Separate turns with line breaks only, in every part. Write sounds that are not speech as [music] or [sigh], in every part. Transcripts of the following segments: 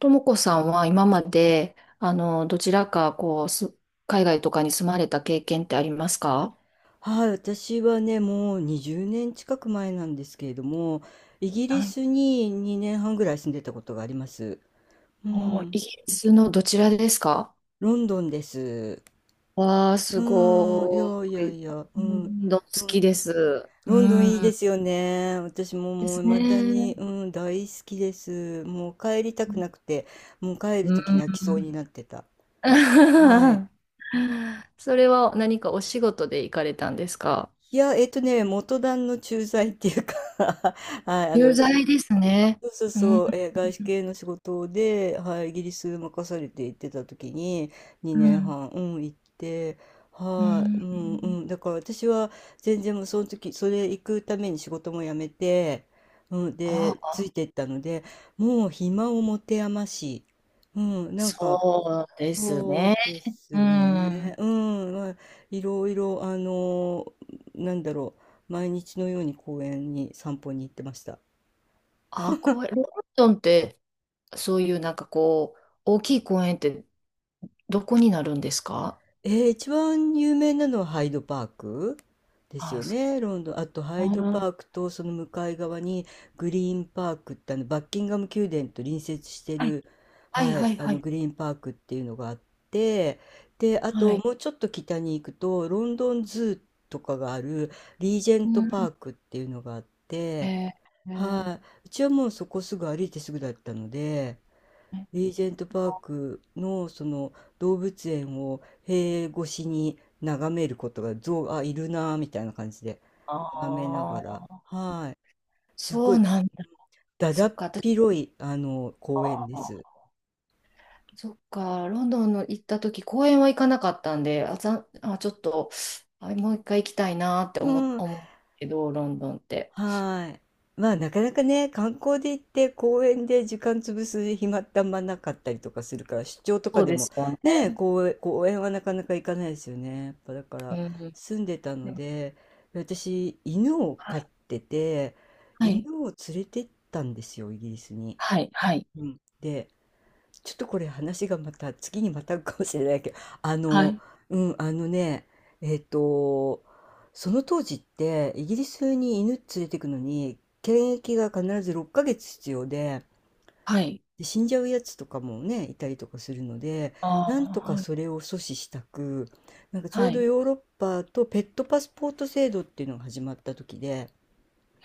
ともこさんは今まで、どちらか、海外とかに住まれた経験ってありますか？
はい、私はね、もう20年近く前なんですけれども、イギリ
はい。
スに2年半ぐらい住んでたことがあります。う
お、イ
ん、
ギリスのどちらですか？
ロンドンです。
わあ、す
うん、い
ご
やいや
い。
いや、う
う
ん、
ん、好
ロ
きで
ン、
す。う
ロンドンいいで
ん。
すよね。私も
で
もう
す
未だ
ね。
に、うん、大好きです。もう帰りたくなくて、もう帰る
う
とき泣きそうに
ん。
なってた。はい。
[laughs] それは何かお仕事で行かれたんですか？
いや、元旦の駐在っていうか [laughs] はい、
有罪ですね。
そうそう
うん。
そう、外資系の仕事で、はい、イギリス任されて行ってた時に
う
2
ん。
年半、うん、行って、
う
はい、
ん。
うんうん、だから私は全然もうその時、それ行くために仕事も辞めて、うん、で、
あ、
ついてったので、もう暇を持て余し、うん、なんか、
そうです
そう
ね。
で
う
すね、
ん。
うん、まあ、いろいろ、なんだろう、毎日のように公園に散歩に行ってました。
あ、公園、ロンドンって、そういうなんか大きい公園ってどこになるんですか？
一番有名なのはハイドパークです
あ、
よ
そう。
ね、ロンドン。あとハイドパークとその向かい側にグリーンパークってあのバッキンガム宮殿と隣接して
はい、
る、
はい、
は
は
い、
い、
あ
は
の
い。
グリーンパークっていうのがあって、で、あ
は
と
い。
もうちょっと北に行くとロンドンズーとかがあるリージェン
う
トパー
ん。
クっていうのがあって、
えー、え
は
ー
い、うちはもうそこすぐ歩いてすぐだったので、リージェントパークのその動物園を塀越しに眺めることが、象があいるなーみたいな感じで眺めなが
あ
ら、
あ、
はい、す
そ
ご
う
い
なんだ。
だだ
そっ
っ
か、私、
広いあの
あ
公園で
ー
す。
そっか、ロンドンの行った時、公園は行かなかったんで、あ、あ、ちょっと、あ、もう一回行きたいなって
う
思、
ん、
思うけど、ロンドンって。
はい。まあ、なかなかね、観光で行って公園で時間潰す暇ってあんまなかったりとかするから、出張と
そ
か
う
で
で
も
すよ
ね、
ね。
公園はなかなか行かないですよね。やっぱだか
う
ら
ん。
住んでた
で
の
も、
で、私犬を
は
飼っ
い。
てて、
は
犬
い。
を連れてったんですよ、イギリスに。
はい。
うん、で、ちょっとこれ話がまた次にまたかもしれないけど、
はい。はい。
うん、えっと、その当時ってイギリスに犬連れてくのに検疫が必ず6ヶ月必要で、
はい。
で死んじゃうやつとかもね、いたりとかするので、
あ
なんと
あ、
か
はい。
それを阻止したく、なんかちょう
は
ど
い。
ヨーロッパとペットパスポート制度っていうのが始まった時で、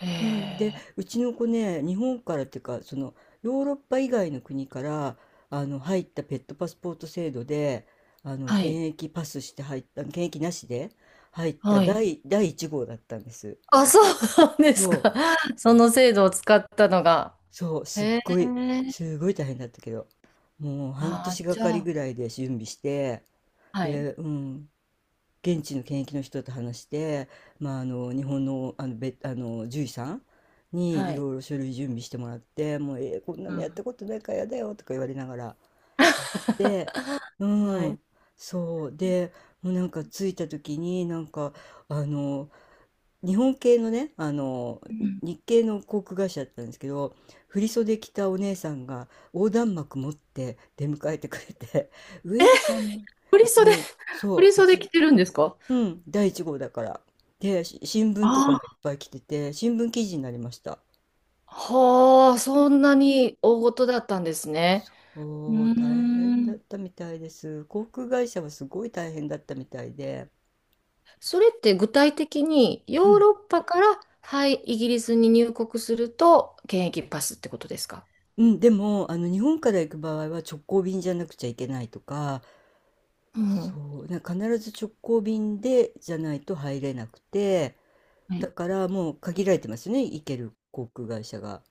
え
うん、で
え、
うちの子ね、日本からっていうか、そのヨーロッパ以外の国から入ったペットパスポート制度であの
はい。
検疫パスして入った、検疫なしで入った
はい。
第1号だったんです。
あ、そうなんで
そ
す
う
か。[laughs] その制度を使ったのが。
そう、すっ
へえ。
ごいすごい大変だったけど、もう半
あ
年
あ、
が
じゃ
かり
あ。
ぐらいで準備して、
はい。
で、うん、現地の検疫の人と話して、まあ、あの日本の、あの獣医さんに
は
い
い。
ろいろ書類準備してもらって、「もうえー、こんな
う
のやっ
ん。
たことないからやだよ」とか言われながらで、う
はい。
ん、そうで、もうなんか着いた時になんか、あの日本系のね、あの
うん。
日系の航空会社だったんですけど、振袖着たお姉さんが横断幕持って出迎えてくれて、「ウェルカム」
ソん振り
うち
袖、
の、
振
そう、
り
う
袖着
ち、
てるんですか？
うん、第1号だから。で、新聞とかもい
あ
っぱい来てて、新聞記事になりました。
あ、はあ、そんなに大事だったんですね。うー
おー、大変だっ
ん。
たみたいです。航空会社はすごい大変だったみたいで。
それって具体的にヨ
う
ー
ん。
ロッパから、はい、イギリスに入国すると検疫パスってことですか？
うん、でも、日本から行く場合は直行便じゃなくちゃいけないとか、
うん。
そう、なんか必ず直行便でじゃないと入れなくて、
は
だ
い。
からもう限られてますよね、行ける航空会社が。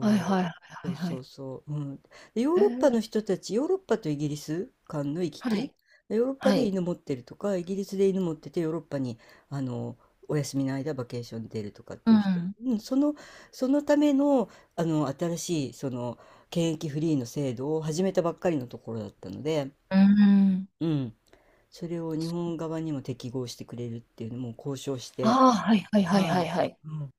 はいはい
う、
は
そ
いはい
う
は
そう
い。
そう、うん。でヨー
へ
ロッパ
ー、
の人たち、ヨーロッパとイギリス間の行き
は
来、
い。
ヨーロッパ
は
で
い。
犬持ってるとか、イギリスで犬持っててヨーロッパにあのお休みの間バケーションに出るとかっ
う
ていう人、
ん。
うん、そのための、新しい、その検疫フリーの制度を始めたばっかりのところだったので、
うん。
うん、それを日本側にも適合してくれるっていうのも交渉して、
ああ、はいはいはいは
は
いはい。
い、うん、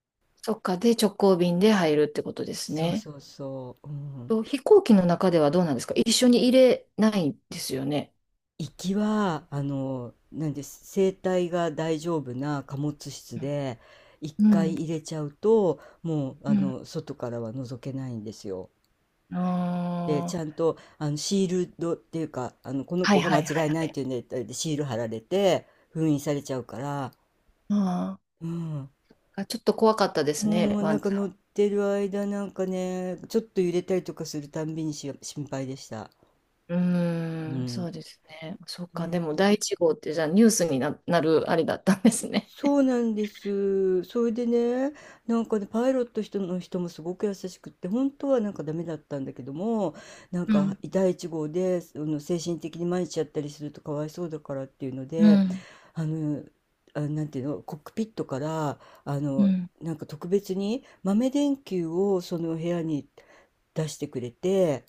そっか。で、直行便で入るってことです
そう
ね。
そうそう、うん。
と飛行機の中ではどうなんですか？一緒に入れないんですよね。
行きはなんです、生体が大丈夫な貨物室で一
うん。う
回
ん。
入れちゃうと、もう
うん。
外からは覗けないんですよ。でち
あ
ゃん
あ、
とシールドっていうか、この
はい
子が
は
間
いはい
違
は
いないっ
い。
ていうネタでシール貼られて封印されちゃうから、
あ
うん、
あ、ちょっと怖かったです
も
ね。
う
ワ
なん
ンち
か乗ってる間、なんかねちょっと揺れたりとかするたんびに心配でした。
う
う
ーん、そ
ん、
うですね。そっか、でも第
ね、
一号ってじゃあニュースになるあれだったんですね。
そうなんです。それでね、なんかね、パイロット人の人もすごく優しくって、本当はなんかダメだったんだけども、なん
う
か
ん、
第1号で、精神的に参っちゃったりするとかわいそうだからっていうの
う
で、
ん、
あの、なんていうの、コックピットから、あ
う
の、
ん。
なんか特別に豆電球をその部屋に出してくれて、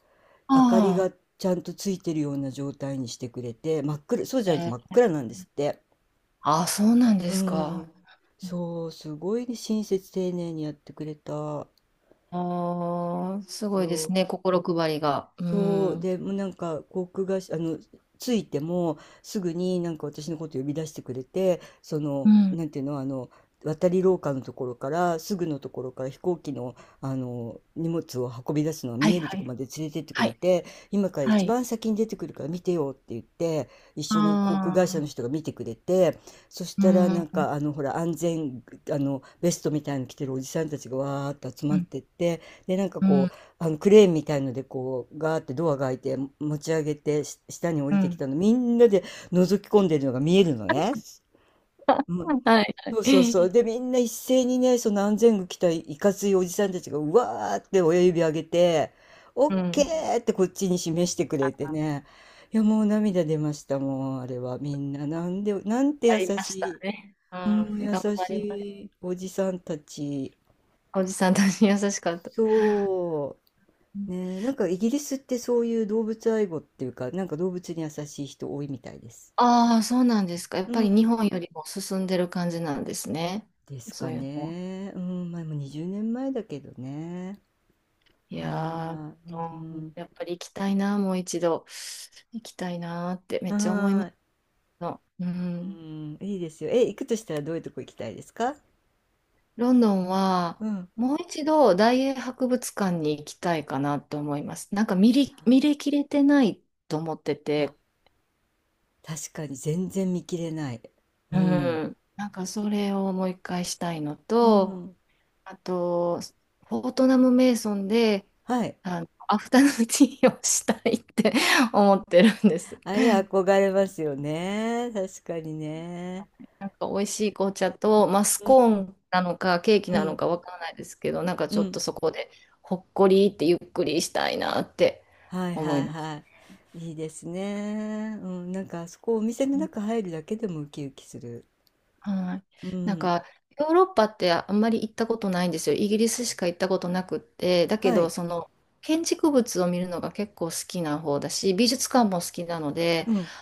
明かり
あ
がちゃんとついてるような状態にしてくれて、真っ暗、そうじゃな
あ、
いと真っ暗なんですって。
そうなんで
う
すか。
ん。そう、すごいね、親切丁寧にやってくれたん
ああ、
で
す
す
ごいです
よ。
ね、心配りが。う
そう、
ん、
でもうなんか航空会社、着いてもすぐになんか私のこと呼び出してくれて、そ
う
の、
ん、
なんていうの、渡り廊下のところからすぐのところから、飛行機の、あの荷物を運び出すのが
はい
見えると
は
ころ
い、
まで連れてってく
は
れ
い、
て、今から
は
一
い。
番先に出てくるから見てよって言って、一
あ
緒に航空会社の
あ、
人が見てくれて、そし
う
たら
ん、う
なん
ん、
か、ほら、安全あのベストみたいなの着てるおじさんたちがわーっと集まってって、でなんか
う
こ
ん、
う、あのクレーンみたいのでこうガーってドアが開いて持ち上げて、下に降
う
りてき
ん。
たのみんなで覗き込んでるのが見えるのね。うん、
はいは
そうそうそう。
い。
でみんな一斉にね、その安全具着たいかついおじさんたちがうわーって親指上げて、オッ
う
ケ
ん、
ーってこっちに示してくれてね。いや、もう涙出ました、もうあれは。みんななんで、なんて
あ
優
りまし
し
た
い、
ね。う
うん、
ん、
優
頑張ります。
しいおじさんたち。
おじさんたち優しかった。
そう。ねえ、なんかイギリスってそういう動物愛護っていうか、なんか動物に優しい人多いみたいです。
ああ、そうなんですか。やっ
う
ぱり
ん。
日本よりも進んでる感じなんですね。
です
そ
か
ういうのは。
ね。うん、まあ、もう20年前だけどね。
いや
はーい。う
ー、うん、
ん。
やっぱり行きたいな、もう一度。行きたいなーってめっちゃ思いま
は
す
ーい。
の。う
う
ん。
ん、いいですよ。え、行くとしたらどういうとこ行きたいですか？
ロンドンは、
うん。
もう一度大英博物館に行きたいかなと思います。なんか見れきれてないと思って
あ、
て、
確かに全然見切れない。う
う
ん。
ん。なんかそれをもう一回したいの
う
と、
ん。
あと、フォートナム・メイソンで、
はい。
アフタヌーンティーをしたいって [laughs] 思ってるんです。
あれ憧れますよね。確かにね。
なんか美味しい紅茶と、まあ、ス
うん。
コーンなのかケーキ
う
なの
ん。
かわからないですけど、なんか
う
ちょっ
ん。
とそこでほっこりってゆっくりしたいなって
はい
思
は
い
い
ます。
はい。いいですね。うん、なんかあそこ、お店の中入るだけでもウキウキする。
はい。
う
なん
ん。
かヨーロッパってあんまり行ったことないんですよ。イギリスしか行ったことなくって、だけ
は
ど
い。
その建築物を見るのが結構好きな方だし、美術館も好きなので、
うん。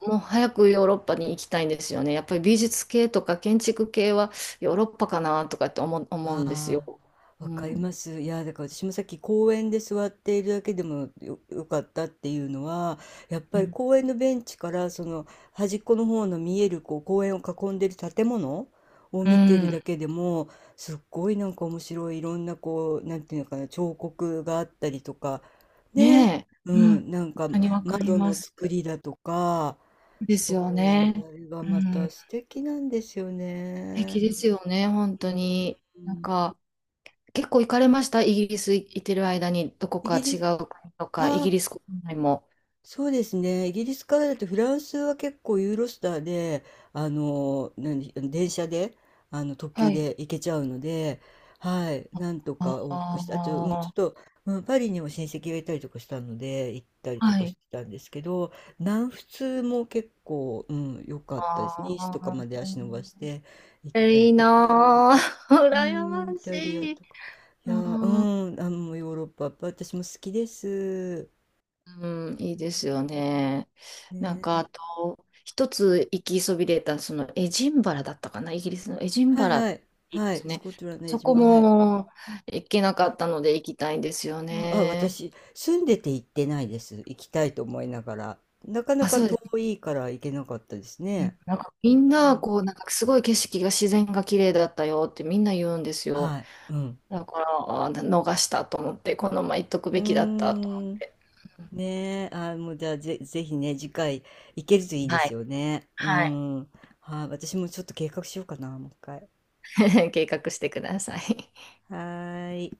もう早くヨーロッパに行きたいんですよね。やっぱり美術系とか建築系はヨーロッパかなとかって思うんです
あ
よ。
あ、
う
わかり
ん。
ます。いや、だから私もさっき公園で座っているだけでもよかったっていうのは、やっ
う
ぱり
ん。
公園のベンチからその端っこの方の見えるこう公園を囲んでる建物を
う
見てる
ん、
だけでも、すっごいなんか面白い、いろんなこう、なんていうのかな、彫刻があったりとか、ね、
ねえ。
う
うん。本
ん、なんか
当にわかり
窓
ま
の
す。
作りだとか、
で
そ
すよ
う、
ね。
あれが
う
また
ん。素
素敵なんですよ
敵
ね。
ですよね、本当に。
う
なん
ん、
か、結構行かれました？イギリス行ってる間に、どこ
イ
か
ギリ
違
ス、
う国とか、イ
あ
ギ
あ、
リス国内も。
そうですね。イギリスからだとフランスは結構ユーロスターで、何、電車で、特
は
急
い。
で行けちゃうので、はい、なんと
あ
か往復して、あと、うん、ちょっ
あー、
と、うん、パリにも親戚がいたりとかしたので、行ったりと
は
かし
い。
てたんですけど、南仏も結構、うん、良かったです。
あ
ニースとかまで
あ。
足伸ばして行っ
え、
たり
いい
とか、
なぁ。[laughs]
う
羨ま
ん、イ
し
タリア
い。
とか。い
う
や、う
ん、
ん、ヨーロッパ、やっぱ私も好きです。
うん、いい
う
ですよ
ん、
ね。なんか、
ね、
あと、一つ行きそびれた、そのエジンバラだったかな、イギリスのエジン
は
バ
い
ラっ
は
て
い。
言い
は
ま
い。
す
ス
ね。
コットランド江
そこ
島。はい。
も行けなかったので行きたいんですよね。
私、住んでて行ってないです。行きたいと思いながら。なかな
あ、
か
そうで
遠
す。
いから行けなかったですね。
なんかみん
う
な、
ん。
なんかすごい景色が自然が綺麗だったよってみんな言うんです
は
よ。
い。うん。
だから、あ、逃したと思って、このまま行っとく
う
べきだったと思っ
ーん。
て。
ねえ。あ、もうじゃあぜひね、次回行けるといい
は
で
い。
すよね。う
はい。
ん。はい。私もちょっと計画しようかな、もう一回。
[laughs] 計画してください。
はーい。